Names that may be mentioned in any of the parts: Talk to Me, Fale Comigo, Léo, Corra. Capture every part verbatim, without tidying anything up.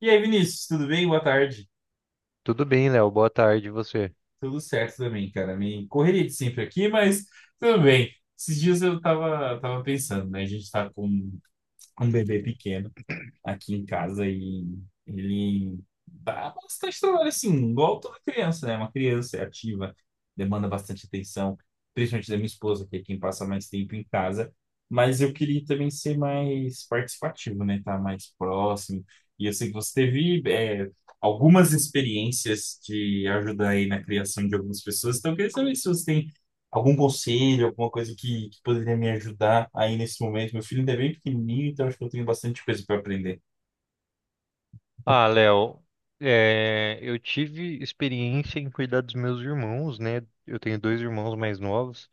E aí, Vinícius, tudo bem? Boa tarde. Tudo bem, Léo. Boa tarde, e você. Tudo certo também, cara. Me correria de sempre aqui, mas tudo bem. Esses dias eu tava, tava pensando, né? A gente tá com um um bebê pequeno aqui em casa e ele dá bastante trabalho, assim, igual toda criança, né? Uma criança é ativa, demanda bastante atenção, principalmente da minha esposa, que é quem passa mais tempo em casa. Mas eu queria também ser mais participativo, né? Estar mais próximo. E eu sei que você teve, é, algumas experiências de ajudar aí na criação de algumas pessoas. Então, eu queria saber se você tem algum conselho, alguma coisa que, que poderia me ajudar aí nesse momento. Meu filho ainda é bem pequenininho, então acho que eu tenho bastante coisa para aprender. Ah, Léo, é, eu tive experiência em cuidar dos meus irmãos, né? Eu tenho dois irmãos mais novos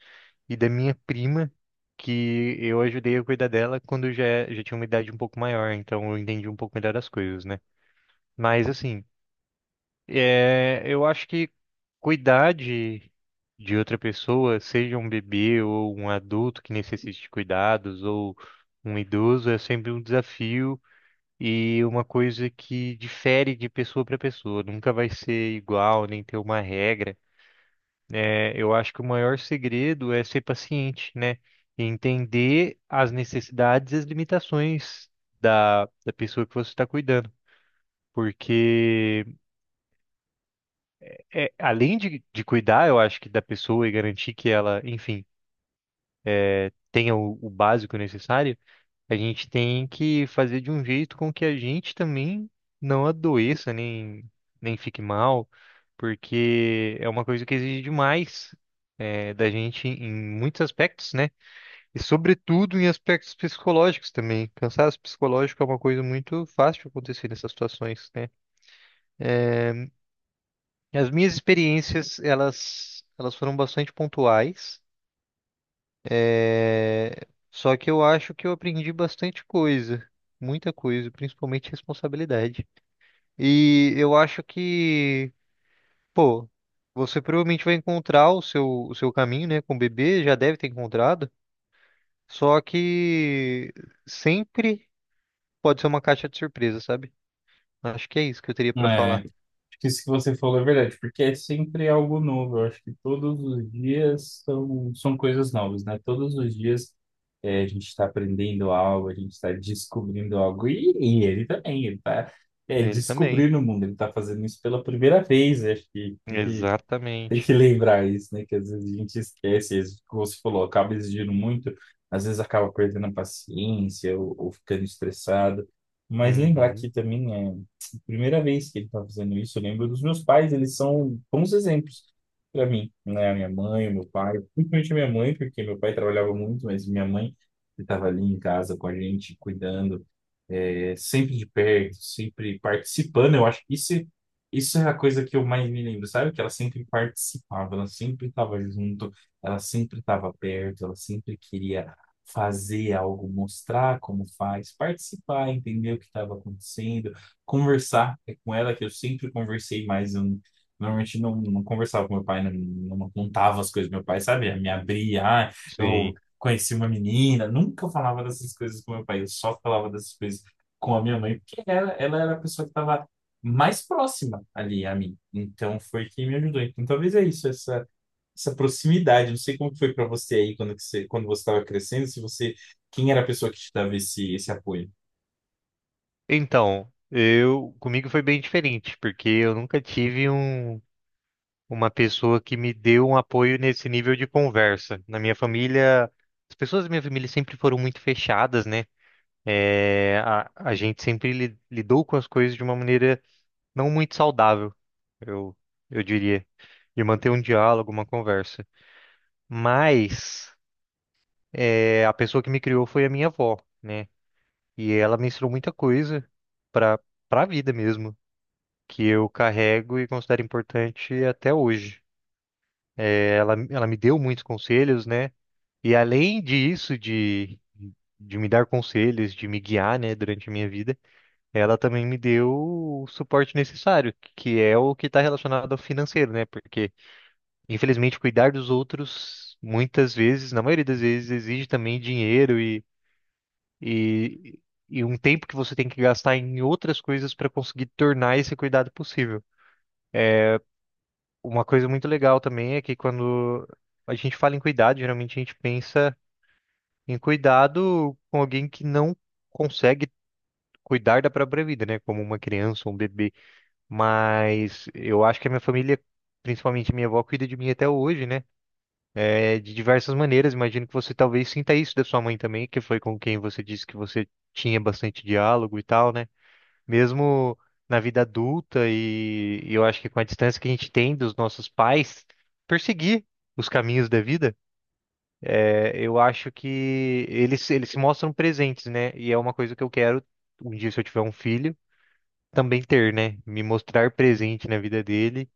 e da minha prima, que eu ajudei a cuidar dela quando eu já, já tinha uma idade um pouco maior, então eu entendi um pouco melhor as coisas, né? Mas assim, é, eu acho que cuidar de, de outra pessoa, seja um bebê ou um adulto que necessite de cuidados ou um idoso, é sempre um desafio e uma coisa que difere de pessoa para pessoa. Nunca vai ser igual, nem ter uma regra. É, eu acho que o maior segredo é ser paciente, né? E entender as necessidades e as limitações da, da pessoa que você está cuidando. Porque é, além de, de cuidar, eu acho que da pessoa e garantir que ela, enfim, é, tenha o, o básico necessário, a gente tem que fazer de um jeito com que a gente também não adoeça, nem, nem fique mal, porque é uma coisa que exige demais. É, da gente em muitos aspectos, né? E sobretudo em aspectos psicológicos também. Cansaço psicológico é uma coisa muito fácil de acontecer nessas situações, né? É, as minhas experiências, elas, elas foram bastante pontuais. É, só que eu acho que eu aprendi bastante coisa, muita coisa, principalmente responsabilidade. E eu acho que, pô, você provavelmente vai encontrar o seu, o seu caminho, né, com o bebê, já deve ter encontrado. Só que sempre pode ser uma caixa de surpresa, sabe? Acho que é isso que eu teria pra É, acho falar. que isso que você falou é verdade, porque é sempre algo novo. Eu acho que todos os dias são, são coisas novas, né? Todos os dias, é, a gente está aprendendo algo, a gente está descobrindo algo, e, e ele também, ele está, é, Ele também. descobrindo o mundo, ele está fazendo isso pela primeira vez. Eu acho que tem que, tem que Exatamente. lembrar isso, né? Que às vezes a gente esquece, às vezes, como você falou, acaba exigindo muito, às vezes acaba perdendo a paciência ou ou ficando estressado. Mas lembrar Uhum. que também é primeira vez que ele está fazendo isso. Eu lembro dos meus pais, eles são bons exemplos para mim, né? A minha mãe, o meu pai, principalmente a minha mãe, porque meu pai trabalhava muito, mas minha mãe estava ali em casa com a gente, cuidando, é, sempre de perto, sempre participando. Eu acho que isso, isso é a coisa que eu mais me lembro, sabe? Que ela sempre participava, ela sempre estava junto, ela sempre estava perto, ela sempre queria fazer algo, mostrar como faz, participar, entender o que estava acontecendo, conversar. É com ela que eu sempre conversei mais. Eu, não- Normalmente não, não conversava com meu pai, não, não contava as coisas. Meu pai, sabe, me abria, ah, eu Sim. conheci uma menina, nunca eu falava dessas coisas com meu pai, eu só falava dessas coisas com a minha mãe, porque ela, ela era a pessoa que estava mais próxima ali a mim. Então foi quem me ajudou. Então talvez é isso, essa, essa proximidade. Não sei como que foi para você aí quando que você, quando você estava crescendo, se você, quem era a pessoa que te dava esse, esse apoio? Então, eu comigo foi bem diferente, porque eu nunca tive um, uma pessoa que me deu um apoio nesse nível de conversa. Na minha família, as pessoas da minha família sempre foram muito fechadas, né? É, a, a gente sempre li- lidou com as coisas de uma maneira não muito saudável, eu, eu diria, de manter um diálogo, uma conversa. Mas é, a pessoa que me criou foi a minha avó, né? E ela me ensinou muita coisa para para a vida mesmo, que eu carrego e considero importante até hoje. É, ela, ela me deu muitos conselhos, né? E além disso, de, de me dar conselhos, de me guiar, né, durante a minha vida, ela também me deu o suporte necessário, que é o que está relacionado ao financeiro, né? Porque, infelizmente, cuidar dos outros, muitas vezes, na maioria das vezes, exige também dinheiro e, e, e um tempo que você tem que gastar em outras coisas para conseguir tornar esse cuidado possível. Uma coisa muito legal também é que quando a gente fala em cuidado, geralmente a gente pensa em cuidado com alguém que não consegue cuidar da própria vida, né? Como uma criança, um bebê. Mas eu acho que a minha família, principalmente minha avó, cuida de mim até hoje, né? É, de diversas maneiras. Imagino que você talvez sinta isso da sua mãe também, que foi com quem você disse que você tinha bastante diálogo e tal, né? Mesmo na vida adulta e, e eu acho que com a distância que a gente tem dos nossos pais, perseguir os caminhos da vida, é, eu acho que eles, eles se mostram presentes, né? E é uma coisa que eu quero, um dia, se eu tiver um filho, também ter, né? Me mostrar presente na vida dele,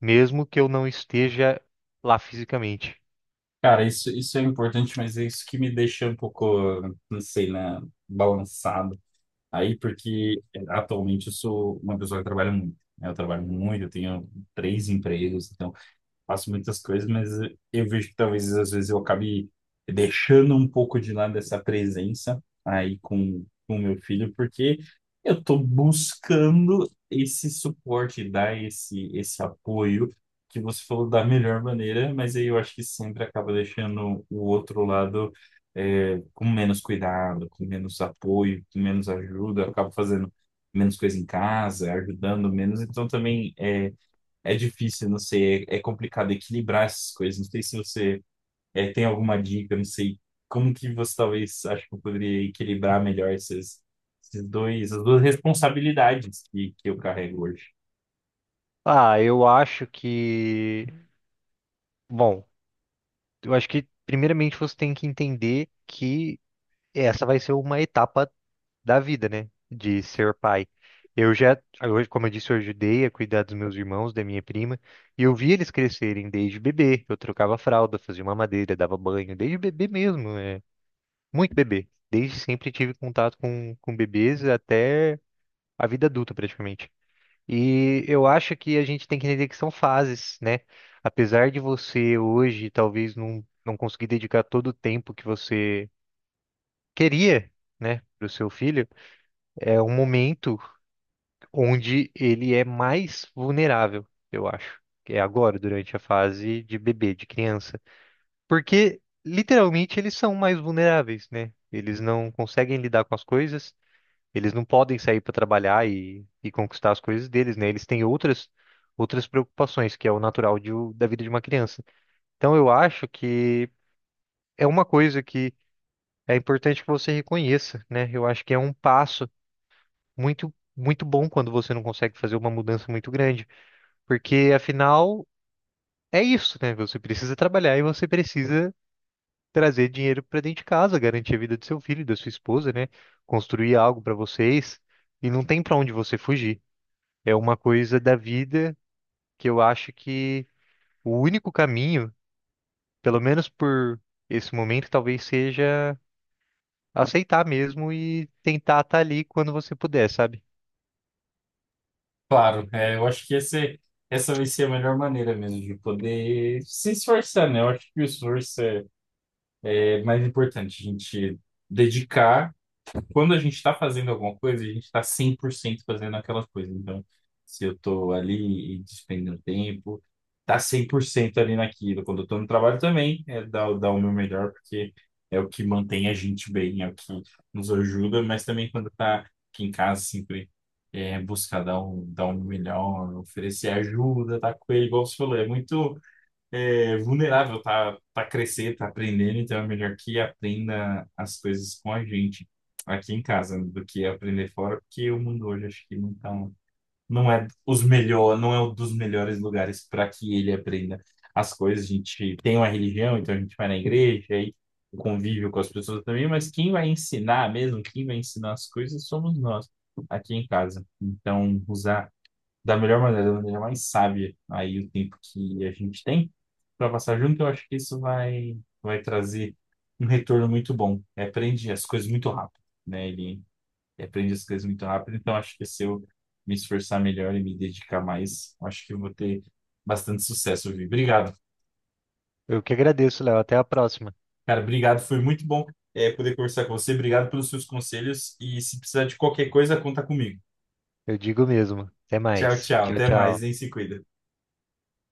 mesmo que eu não esteja lá fisicamente. Cara, isso, isso é importante, mas é isso que me deixa um pouco, não sei, né, balançado aí, porque eh, atualmente eu sou uma pessoa que trabalha muito, né? Eu trabalho muito, eu tenho três empregos, então faço muitas coisas, mas eu vejo que talvez às vezes eu acabe deixando um pouco de lado essa presença aí com com o meu filho, porque eu estou buscando esse suporte, dar esse, esse apoio que você falou da melhor maneira, mas aí eu acho que sempre acaba deixando o outro lado, é, com menos cuidado, com menos apoio, com menos ajuda, acaba fazendo menos coisa em casa, ajudando menos, então também é é difícil, não sei, é, é complicado equilibrar essas coisas. Não sei se você, é, tem alguma dica, não sei como que você talvez acho que eu poderia equilibrar melhor esses, esses dois, as duas responsabilidades que, que eu carrego hoje. Ah, eu acho que, bom, eu acho que primeiramente você tem que entender que essa vai ser uma etapa da vida, né? De ser pai. Eu já, hoje, como eu disse, eu ajudei a cuidar dos meus irmãos, da minha prima, e eu vi eles crescerem desde bebê. Eu trocava fralda, fazia mamadeira, dava banho, desde bebê mesmo, é, muito bebê. Desde sempre tive contato com, com bebês até a vida adulta, praticamente. E eu acho que a gente tem que entender que são fases, né? Apesar de você hoje talvez não, não conseguir dedicar todo o tempo que você queria, né, para o seu filho, é um momento onde ele é mais vulnerável, eu acho, que é agora, durante a fase de bebê, de criança. Porque, literalmente, eles são mais vulneráveis, né? Eles não conseguem lidar com as coisas, eles não podem sair para trabalhar e, e conquistar as coisas deles, né? Eles têm outras, outras preocupações, que é o natural de o- da vida de uma criança. Então, eu acho que é uma coisa que é importante que você reconheça, né? Eu acho que é um passo muito, muito bom quando você não consegue fazer uma mudança muito grande. Porque afinal é isso, né? Você precisa trabalhar e você precisa trazer dinheiro para dentro de casa, garantir a vida do seu filho, da sua esposa, né? Construir algo para vocês e não tem para onde você fugir. É uma coisa da vida que eu acho que o único caminho, pelo menos por esse momento, talvez seja aceitar mesmo e tentar estar ali quando você puder, sabe? Claro, é, eu acho que esse, essa vai ser a melhor maneira mesmo de poder se esforçar, né? Eu acho que o esforço é, é mais importante, a gente dedicar. Quando a gente está fazendo alguma coisa, a gente está cem por cento fazendo aquela coisa. Então, se eu estou ali e despendendo tempo, tá cem por cento ali naquilo. Quando eu estou no trabalho também, é dar, dar o meu melhor, porque é o que mantém a gente bem, é o que nos ajuda, mas também quando está aqui em casa, sempre é buscar dar um, dar um melhor, oferecer ajuda, tá com ele, igual você falou, é muito, é, vulnerável, tá, tá crescer, tá aprendendo, então é melhor que aprenda as coisas com a gente aqui em casa do que aprender fora, porque o mundo hoje acho que não tá, um- não é os melhor, não é um dos melhores lugares para que ele aprenda as coisas. A gente tem uma religião, então a gente vai na igreja, aí o convívio com as pessoas também, mas quem vai ensinar mesmo, quem vai ensinar as coisas somos nós aqui em casa. Então, usar da melhor maneira, da maneira mais sábia aí o tempo que a gente tem para passar junto, eu acho que isso vai vai trazer um retorno muito bom. Ele aprende as coisas muito rápido, né? Ele aprende as coisas muito rápido, então acho que se eu me esforçar melhor e me dedicar mais, eu acho que eu vou ter bastante sucesso, Vi. Obrigado. Eu que agradeço, Léo. Até a próxima. Cara, obrigado, foi muito bom, é, poder conversar com você. Obrigado pelos seus conselhos e se precisar de qualquer coisa, conta comigo. Eu digo mesmo. Até Tchau, mais. tchau. Tchau, Até mais, tchau. hein? Se cuida.